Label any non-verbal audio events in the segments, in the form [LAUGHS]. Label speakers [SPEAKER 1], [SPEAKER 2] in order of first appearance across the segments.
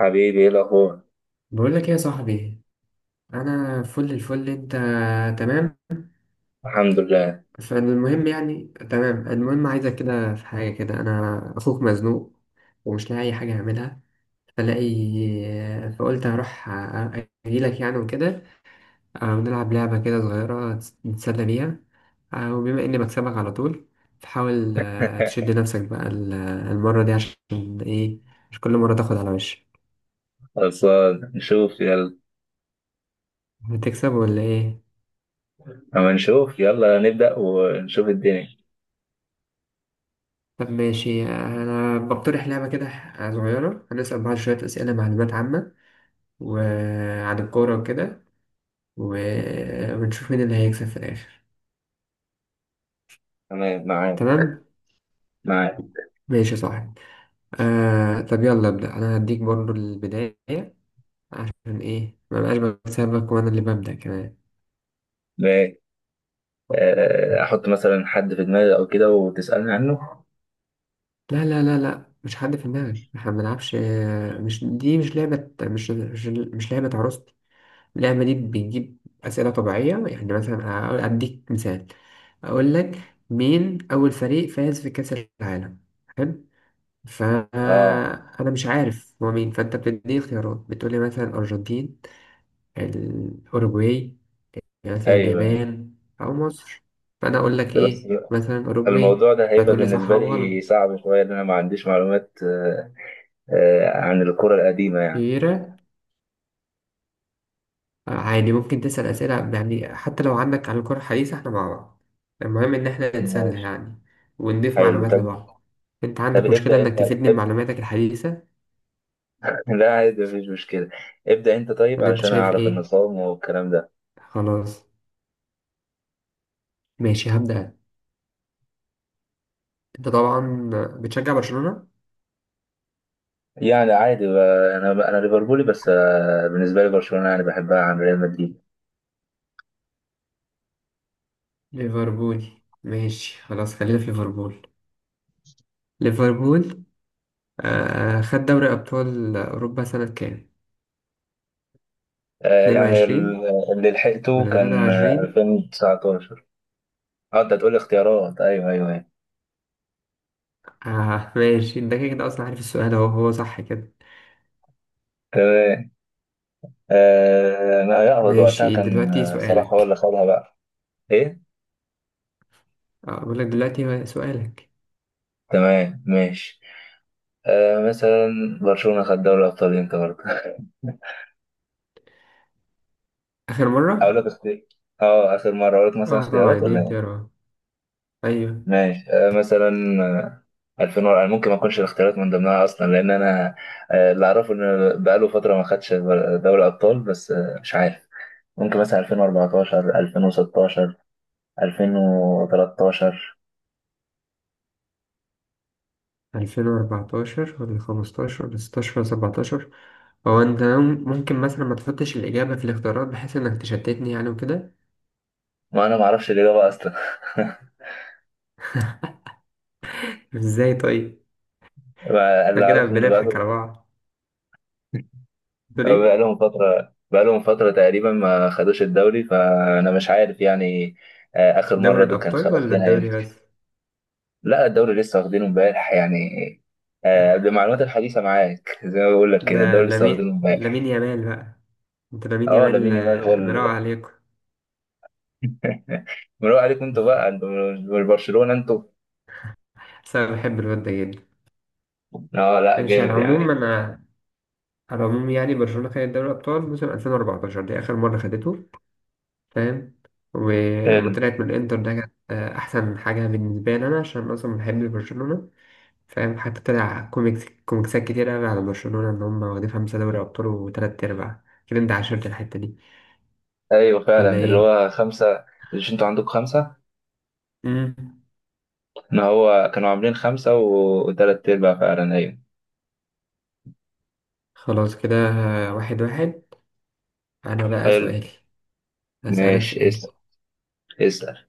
[SPEAKER 1] حبيبي ايه الاخبار؟
[SPEAKER 2] بقول لك ايه يا صاحبي؟ انا فل الفل. انت تمام؟
[SPEAKER 1] الحمد لله.
[SPEAKER 2] فالمهم يعني تمام. المهم عايزك كده في حاجه كده، انا اخوك مزنوق ومش لاقي اي حاجه اعملها، فلاقي، فقلت هروح اجيلك يعني وكده. ونلعب لعبه كده صغيره نتسلى بيها. وبما اني بكسبك على طول، فحاول تشد
[SPEAKER 1] [LAUGHS]
[SPEAKER 2] نفسك بقى المره دي. عشان ايه مش كل مره تاخد على وشك؟
[SPEAKER 1] خلصان نشوف يلا.
[SPEAKER 2] هتكسب ولا ايه؟
[SPEAKER 1] اما نشوف يلا نبدأ ونشوف الدنيا.
[SPEAKER 2] طب ماشي، أنا بقترح لعبة كده صغيرة. هنسأل بعض شوية أسئلة معلومات عامة وعن الكورة وكده، و... ونشوف مين اللي هيكسب في الآخر.
[SPEAKER 1] تمام معاك.
[SPEAKER 2] تمام؟
[SPEAKER 1] معاك.
[SPEAKER 2] ماشي يا صاحبي. طب يلا أبدأ أنا، هديك برضو البداية. عشان إيه ما بقاش بكسبك وأنا اللي ببدأ كمان؟
[SPEAKER 1] ماشي.
[SPEAKER 2] [LAUGHS]
[SPEAKER 1] احط مثلا حد في دماغي او كده وتسألني عنه.
[SPEAKER 2] لا لا لا لا، مش حد في دماغك، احنا ما بنلعبش. مش دي مش لعبة، مش مش, لعبة عروستي. اللعبة دي بتجيب أسئلة طبيعية. يعني مثلا أديك مثال. أقول لك مين أول فريق فاز في كأس العالم؟ حلو.
[SPEAKER 1] اه،
[SPEAKER 2] فأنا مش عارف هو مين، فأنت بتديني خيارات، بتقولي مثلا الأرجنتين، الأوروجواي، مثلا
[SPEAKER 1] ايوه أيوة.
[SPEAKER 2] اليابان، أو مصر. فأنا أقول لك
[SPEAKER 1] ده بس
[SPEAKER 2] إيه، مثلا أوروجواي،
[SPEAKER 1] الموضوع ده هيبقى
[SPEAKER 2] فتقول لي صح
[SPEAKER 1] بالنسبة
[SPEAKER 2] أو
[SPEAKER 1] لي
[SPEAKER 2] غلط.
[SPEAKER 1] صعب شوية لأن أنا ما عنديش معلومات، عن الكرة القديمة يعني.
[SPEAKER 2] عادي، ممكن تسأل أسئلة يعني حتى لو عندك عن الكرة الحديثة، احنا مع بعض. المهم إن احنا نتسلى
[SPEAKER 1] ماشي.
[SPEAKER 2] يعني، ونضيف
[SPEAKER 1] حلو
[SPEAKER 2] معلومات
[SPEAKER 1] طب.
[SPEAKER 2] لبعض. أنت
[SPEAKER 1] طب
[SPEAKER 2] عندك مشكلة
[SPEAKER 1] ابدأ أنت
[SPEAKER 2] إنك تفيدني
[SPEAKER 1] ابدأ.
[SPEAKER 2] بمعلوماتك الحديثة
[SPEAKER 1] [LAUGHS] لا عادي مفيش مشكلة. ابدأ أنت طيب
[SPEAKER 2] ولا أنت
[SPEAKER 1] علشان
[SPEAKER 2] شايف
[SPEAKER 1] أعرف
[SPEAKER 2] إيه؟
[SPEAKER 1] النظام والكلام ده.
[SPEAKER 2] خلاص ماشي، هبدأ. أنت طبعا بتشجع برشلونة؟
[SPEAKER 1] يعني عادي بقى، انا ليفربولي بس، بالنسبه لي برشلونه يعني بحبها عن ريال مدريد.
[SPEAKER 2] ليفربول. ماشي خلاص، خلينا في ليفربول. ليفربول آه، خد دوري أبطال أوروبا سنة كام؟
[SPEAKER 1] يعني
[SPEAKER 2] 22
[SPEAKER 1] اللي لحقته
[SPEAKER 2] ولا
[SPEAKER 1] كان،
[SPEAKER 2] 23؟
[SPEAKER 1] 2019. اه انت هتقول اختيارات. ايوه ايوه ايوه.
[SPEAKER 2] آه ماشي، أنت كده كده أصلا عارف السؤال أهو، هو صح كده.
[SPEAKER 1] تمام. انا يقبض وقتها
[SPEAKER 2] ماشي
[SPEAKER 1] كان،
[SPEAKER 2] دلوقتي
[SPEAKER 1] صلاح هو اللي
[SPEAKER 2] سؤالك.
[SPEAKER 1] خدها بقى. ايه؟
[SPEAKER 2] اه، بقول لك دلوقتي سؤالك.
[SPEAKER 1] تمام ماشي. مثلا برشلونه خد دوري الابطال امتى برضه؟ [LAUGHS]
[SPEAKER 2] آخر
[SPEAKER 1] اقول
[SPEAKER 2] مرة.
[SPEAKER 1] لك اختيار. اه اخر مره اقول لك مثلا
[SPEAKER 2] اه طبعا
[SPEAKER 1] اختيارات
[SPEAKER 2] دي
[SPEAKER 1] ولا إيه؟
[SPEAKER 2] اختيارات، ايوه.
[SPEAKER 1] ماشي. مثلا، 2000 ورقة، ممكن ما اكونش الاختيارات من ضمنها اصلا لان انا، اللي اعرفه ان بقاله فترة ما خدش دوري ابطال بس، مش عارف. ممكن مثلا 2014 2016 2013.
[SPEAKER 2] 2014 ولا 15 ولا 16 ولا 17؟ هو انت ممكن مثلا ما تحطش الإجابة في الاختيارات بحيث انك تشتتني يعني وكده؟
[SPEAKER 1] ما انا ما اعرفش الاجابة اصلا. [LAUGHS]
[SPEAKER 2] ازاي طيب؟ احنا
[SPEAKER 1] اللي
[SPEAKER 2] كده
[SPEAKER 1] اعرفه ان
[SPEAKER 2] بنضحك
[SPEAKER 1] بقاله،
[SPEAKER 2] على بعض. تقول ايه؟
[SPEAKER 1] بقالهم فترة تقريبا ما خدوش الدوري، فانا مش عارف يعني. اخر
[SPEAKER 2] دوري
[SPEAKER 1] مرة دول كان
[SPEAKER 2] الأبطال ولا
[SPEAKER 1] واخدينها
[SPEAKER 2] الدوري
[SPEAKER 1] امتى؟
[SPEAKER 2] بس؟
[SPEAKER 1] لا الدوري لسه واخدينه امبارح يعني. آه بمعلومات الحديثة معاك. [LAUGHS] زي ما بقول لك كده
[SPEAKER 2] ده
[SPEAKER 1] الدوري لسه
[SPEAKER 2] لامين
[SPEAKER 1] واخدينه
[SPEAKER 2] لامين
[SPEAKER 1] امبارح.
[SPEAKER 2] يامال بقى. انت لامين
[SPEAKER 1] اه
[SPEAKER 2] يامال
[SPEAKER 1] لامين يامال هو
[SPEAKER 2] مراوغ عليكم.
[SPEAKER 1] [LAUGHS] مروق عليكم انتوا بقى، انتوا مش برشلونة انتوا.
[SPEAKER 2] بس انا بحب الواد ده جدا.
[SPEAKER 1] اه لا
[SPEAKER 2] ماشي على
[SPEAKER 1] جامد
[SPEAKER 2] العموم
[SPEAKER 1] يعني.
[SPEAKER 2] انا، على العموم يعني برشلونة خدت دوري الأبطال موسم 2014، دي آخر مرة خدته. فاهم؟ ولما
[SPEAKER 1] حلو.
[SPEAKER 2] طلعت من الإنتر ده كانت أحسن حاجة بالنسبة لي أنا، عشان أصلا بحب برشلونة. فاهم؟ حتى طلع كوميكس كوميكسات كتير أوي على برشلونة إن هم واخدين خمسة دوري أبطال وتلات أرباع كده. أنت عاشرت الحتة دي
[SPEAKER 1] ايوه
[SPEAKER 2] ولا
[SPEAKER 1] فعلا اللي
[SPEAKER 2] إيه؟
[SPEAKER 1] هو خمسة. مش انتوا عندكم خمسة؟
[SPEAKER 2] مم.
[SPEAKER 1] ان هو كانوا عاملين خمسة وتلات ارباع فعلا ايوه.
[SPEAKER 2] خلاص كده واحد واحد. أنا بقى
[SPEAKER 1] حلو.
[SPEAKER 2] سؤالي، أسألك
[SPEAKER 1] ماشي
[SPEAKER 2] سؤال.
[SPEAKER 1] اسأل. اسأل.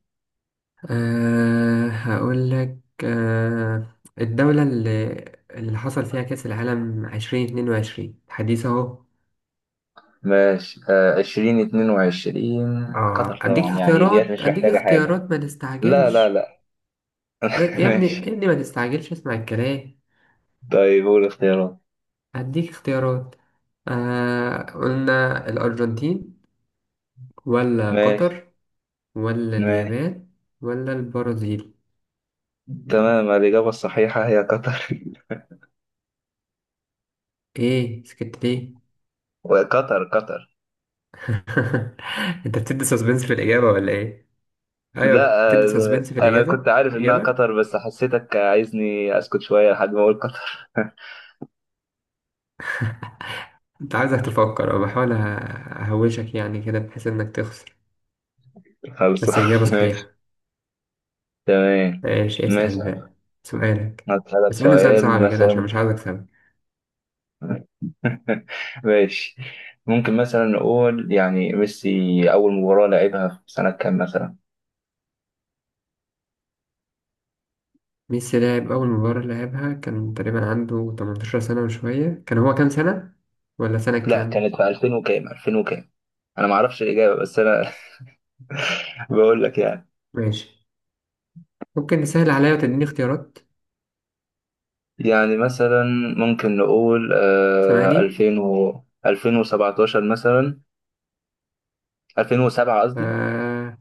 [SPEAKER 2] أه هقول لك. أه الدولة اللي حصل فيها كأس العالم عشرين اتنين وعشرين، حديث أهو.
[SPEAKER 1] ماشي. عشرين اتنين وعشرين.
[SPEAKER 2] اه
[SPEAKER 1] قطر
[SPEAKER 2] أديك
[SPEAKER 1] طبعا يعني ديت
[SPEAKER 2] اختيارات،
[SPEAKER 1] مش
[SPEAKER 2] أديك
[SPEAKER 1] محتاجة حاجة.
[SPEAKER 2] اختيارات، ما
[SPEAKER 1] لا لا
[SPEAKER 2] تستعجلش.
[SPEAKER 1] لا.
[SPEAKER 2] لا
[SPEAKER 1] [LAUGHS]
[SPEAKER 2] يا ابني، يا
[SPEAKER 1] ماشي
[SPEAKER 2] ابني ما تستعجلش، اسمع الكلام.
[SPEAKER 1] طيب قول اختيارات.
[SPEAKER 2] أديك اختيارات. أه، قلنا الأرجنتين، ولا
[SPEAKER 1] ماشي.
[SPEAKER 2] قطر، ولا
[SPEAKER 1] ماشي
[SPEAKER 2] اليابان، ولا البرازيل.
[SPEAKER 1] تمام. الإجابة الصحيحة هي قطر. [LAUGHS]
[SPEAKER 2] ايه سكت ليه؟
[SPEAKER 1] وقطر قطر.
[SPEAKER 2] [LAUGHS] انت بتدي سسبنس في الإجابة ولا ايه؟ ايوه،
[SPEAKER 1] لا،
[SPEAKER 2] بتدي سسبنس في
[SPEAKER 1] أنا كنت
[SPEAKER 2] الإجابة،
[SPEAKER 1] عارف إنها
[SPEAKER 2] الإجابة.
[SPEAKER 1] قطر بس حسيتك عايزني أسكت شوية لحد ما أقول قطر. [LAUGHS]
[SPEAKER 2] انت عايزك تفكر، أو بحاول اهوشك يعني كده بحيث انك تخسر.
[SPEAKER 1] خلص.
[SPEAKER 2] بس اجابة
[SPEAKER 1] [LAUGHS] ماشي.
[SPEAKER 2] صحيحة.
[SPEAKER 1] تمام.
[SPEAKER 2] ايش، اسأل
[SPEAKER 1] ماشي.
[SPEAKER 2] بقى سؤالك.
[SPEAKER 1] هسألك
[SPEAKER 2] اسألني سؤال
[SPEAKER 1] سؤال
[SPEAKER 2] صعب كده عشان
[SPEAKER 1] مثلا.
[SPEAKER 2] مش عايز اكسبك.
[SPEAKER 1] [LAUGHS] ماشي. ممكن مثلا نقول يعني ميسي أول مباراة لعبها في سنة كام مثلا؟
[SPEAKER 2] ميسي لعب اول مباراة لعبها كان تقريبا عنده 18 سنة وشوية. كان هو كام سنة، ولا سنة
[SPEAKER 1] لا
[SPEAKER 2] كام؟
[SPEAKER 1] كانت في 2000 وكام، 2000 وكام؟ أنا معرفش الإجابة بس أنا، [LAUGHS] بقول لك يعني.
[SPEAKER 2] ماشي، ممكن تسهل عليا وتديني اختيارات.
[SPEAKER 1] يعني مثلا ممكن نقول آه
[SPEAKER 2] سامعني.
[SPEAKER 1] 2000 و 2017 مثلا. 2007 قصدي.
[SPEAKER 2] آه...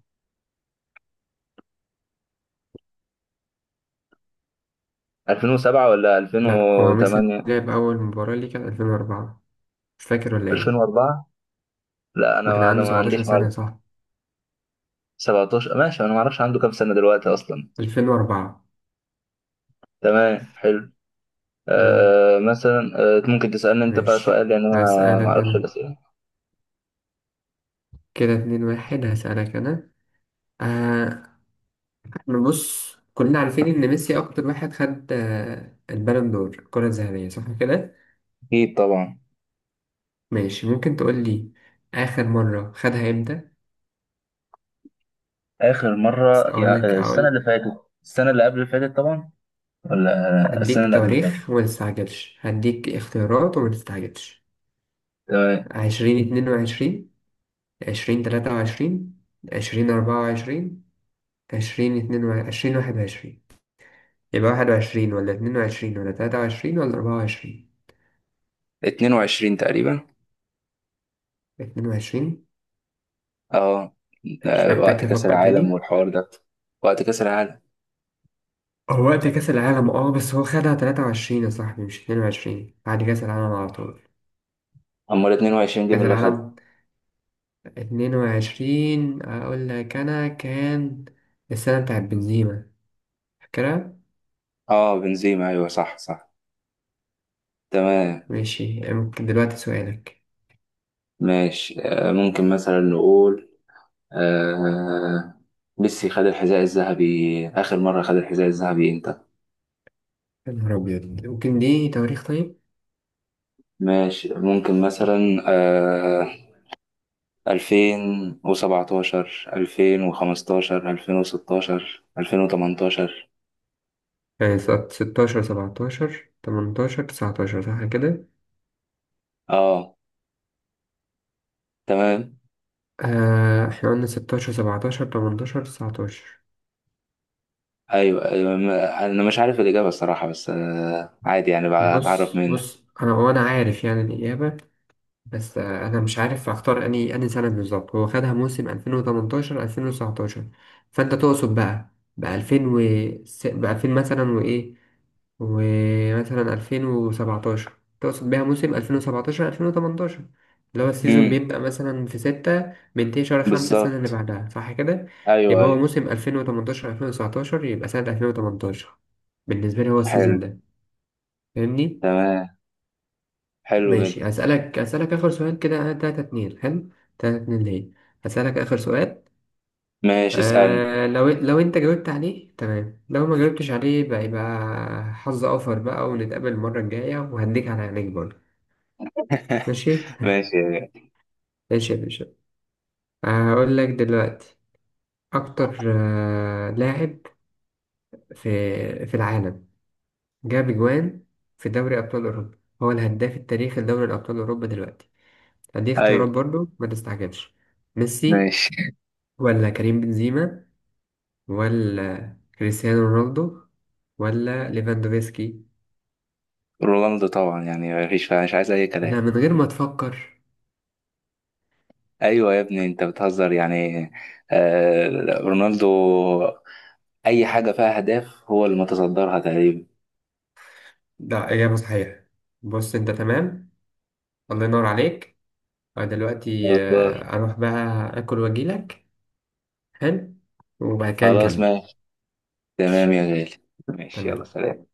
[SPEAKER 1] 2007 ولا
[SPEAKER 2] لا، هو ميسي
[SPEAKER 1] 2008.
[SPEAKER 2] لعب اول مباراة ليه كانت 2004. مش فاكر ولا ايه؟
[SPEAKER 1] 2004. لا
[SPEAKER 2] وكان
[SPEAKER 1] انا
[SPEAKER 2] عنده
[SPEAKER 1] ما عنديش
[SPEAKER 2] 17 سنة،
[SPEAKER 1] معلومه.
[SPEAKER 2] صح؟
[SPEAKER 1] 17 ماشي، انا ما اعرفش عنده كام سنه دلوقتي اصلا.
[SPEAKER 2] 2004.
[SPEAKER 1] تمام حلو. آه مثلا، آه ممكن تسالني انت بقى سؤال
[SPEAKER 2] ماشي
[SPEAKER 1] لان انا ما
[SPEAKER 2] هسألك
[SPEAKER 1] اعرفش
[SPEAKER 2] أنا،
[SPEAKER 1] الاسئله.
[SPEAKER 2] كده اتنين واحد. هسألك أنا آه. احنا بص كلنا عارفين إن ميسي أكتر واحد خد آه البالون دور، الكرة الذهبية، صح كده؟
[SPEAKER 1] اكيد طبعا.
[SPEAKER 2] ماشي، ممكن تقول لي آخر مرة خدها إمتى؟
[SPEAKER 1] اخر مره
[SPEAKER 2] أقول
[SPEAKER 1] يا،
[SPEAKER 2] لك
[SPEAKER 1] السنه اللي
[SPEAKER 2] أقول.
[SPEAKER 1] فاتت. السنه اللي قبل اللي فاتت طبعا. ولا السنه
[SPEAKER 2] هديك
[SPEAKER 1] اللي قبل اللي فاتت.
[SPEAKER 2] تواريخ وما تستعجلش، هديك اختيارات وما تستعجلش.
[SPEAKER 1] تمام.
[SPEAKER 2] عشرين اتنين وعشرين، عشرين تلاتة وعشرين، عشرين أربعة وعشرين، عشرين اتنين وعشرين، عشرين واحد وعشرين. يبقى واحد وعشرين ولا اتنين وعشرين ولا تلاتة وعشرين ولا أربعة وعشرين؟
[SPEAKER 1] 22 تقريبا.
[SPEAKER 2] 22.
[SPEAKER 1] اه، ده
[SPEAKER 2] مش
[SPEAKER 1] وقت
[SPEAKER 2] محتاج
[SPEAKER 1] كأس
[SPEAKER 2] أفكر
[SPEAKER 1] العالم
[SPEAKER 2] تاني.
[SPEAKER 1] والحوار ده. وقت كأس العالم.
[SPEAKER 2] هو وقت كأس العالم اه، بس هو خدها 23 يا صاحبي مش 22، بعد كأس العالم على طول.
[SPEAKER 1] أمال 22 جيم
[SPEAKER 2] كأس
[SPEAKER 1] اللي خدها.
[SPEAKER 2] العالم 22 أقول لك أنا، كان السنة بتاعت بنزيما، فاكرها؟
[SPEAKER 1] اه بنزيما أيوه صح صح. تمام
[SPEAKER 2] ماشي، ممكن دلوقتي سؤالك.
[SPEAKER 1] ماشي. آه ممكن مثلا نقول آه ميسي خد الحذاء الذهبي آخر مرة خد الحذاء الذهبي إمتى؟
[SPEAKER 2] يا نهار أبيض، ممكن دي تواريخ طيب؟
[SPEAKER 1] ماشي ممكن مثلا آه 2017 2015 2016 2018.
[SPEAKER 2] يعني سنة 16، 17، 18، 19، صح كده؟
[SPEAKER 1] اه تمام.
[SPEAKER 2] آه احنا قلنا 16، 17، 18، 19.
[SPEAKER 1] ايوه ايوه انا مش عارف الاجابه الصراحه بس، عادي يعني بقى اتعرف
[SPEAKER 2] بص
[SPEAKER 1] منك.
[SPEAKER 2] بص أنا، وأنا عارف يعني الإجابة، بس انا مش عارف اختار اني سنه بالظبط. هو خدها موسم 2018، 2019. فانت تقصد بقى ب 2000 و ب 2000 مثلا وايه، ومثلا 2017؟ تقصد بيها موسم 2017، 2018، اللي هو السيزون
[SPEAKER 1] امم
[SPEAKER 2] بيبدأ مثلا في 6 بينتهي شهر 5 السنة اللي
[SPEAKER 1] بالظبط.
[SPEAKER 2] بعدها، صح كده؟
[SPEAKER 1] ايوه
[SPEAKER 2] يبقى هو
[SPEAKER 1] ايوه.
[SPEAKER 2] موسم 2018، 2019، يبقى سنة 2018 بالنسبة لي هو السيزون
[SPEAKER 1] حلو.
[SPEAKER 2] ده. فاهمني؟
[SPEAKER 1] تمام. حلو جدا.
[SPEAKER 2] ماشي، هسألك آخر سؤال كده. تلاتة اتنين، حلو. تلاتة اتنين ليه؟ هسألك آخر سؤال.
[SPEAKER 1] ماشي اسالني.
[SPEAKER 2] آه لو أنت جاوبت عليه تمام، لو ما جاوبتش عليه بقى يبقى حظ أوفر بقى، ونتقابل المرة الجاية وهديك على عينيك برضه.
[SPEAKER 1] [LAUGHS]
[SPEAKER 2] ماشي.
[SPEAKER 1] ماشي
[SPEAKER 2] ماشي يا باشا. هقول لك دلوقتي. أكتر آه لاعب في العالم جاب أجوان في دوري أبطال أوروبا، هو الهداف التاريخي لدوري أبطال أوروبا دلوقتي. هديك اختيارات
[SPEAKER 1] ايوه
[SPEAKER 2] برضه، ما تستعجلش. ميسي،
[SPEAKER 1] ماشي.
[SPEAKER 2] ولا كريم بنزيما، ولا كريستيانو رونالدو، ولا ليفاندوفسكي.
[SPEAKER 1] رونالدو طبعا يعني مفيش فيها، مش عايز اي
[SPEAKER 2] لا
[SPEAKER 1] كلام.
[SPEAKER 2] من غير ما تفكر.
[SPEAKER 1] ايوه يا ابني انت بتهزر يعني. آه رونالدو. اي حاجه فيها اهداف هو اللي متصدرها تقريبا.
[SPEAKER 2] ده إجابة صحيحة. بص أنت تمام. الله ينور عليك. أنا دلوقتي
[SPEAKER 1] بالظبط.
[SPEAKER 2] أروح بقى أكل وأجيلك. حلو. وبعد كده
[SPEAKER 1] خلاص
[SPEAKER 2] نكمل.
[SPEAKER 1] ماشي. تمام
[SPEAKER 2] ماشي.
[SPEAKER 1] يا غالي. ماشي يلا
[SPEAKER 2] تمام.
[SPEAKER 1] سلام.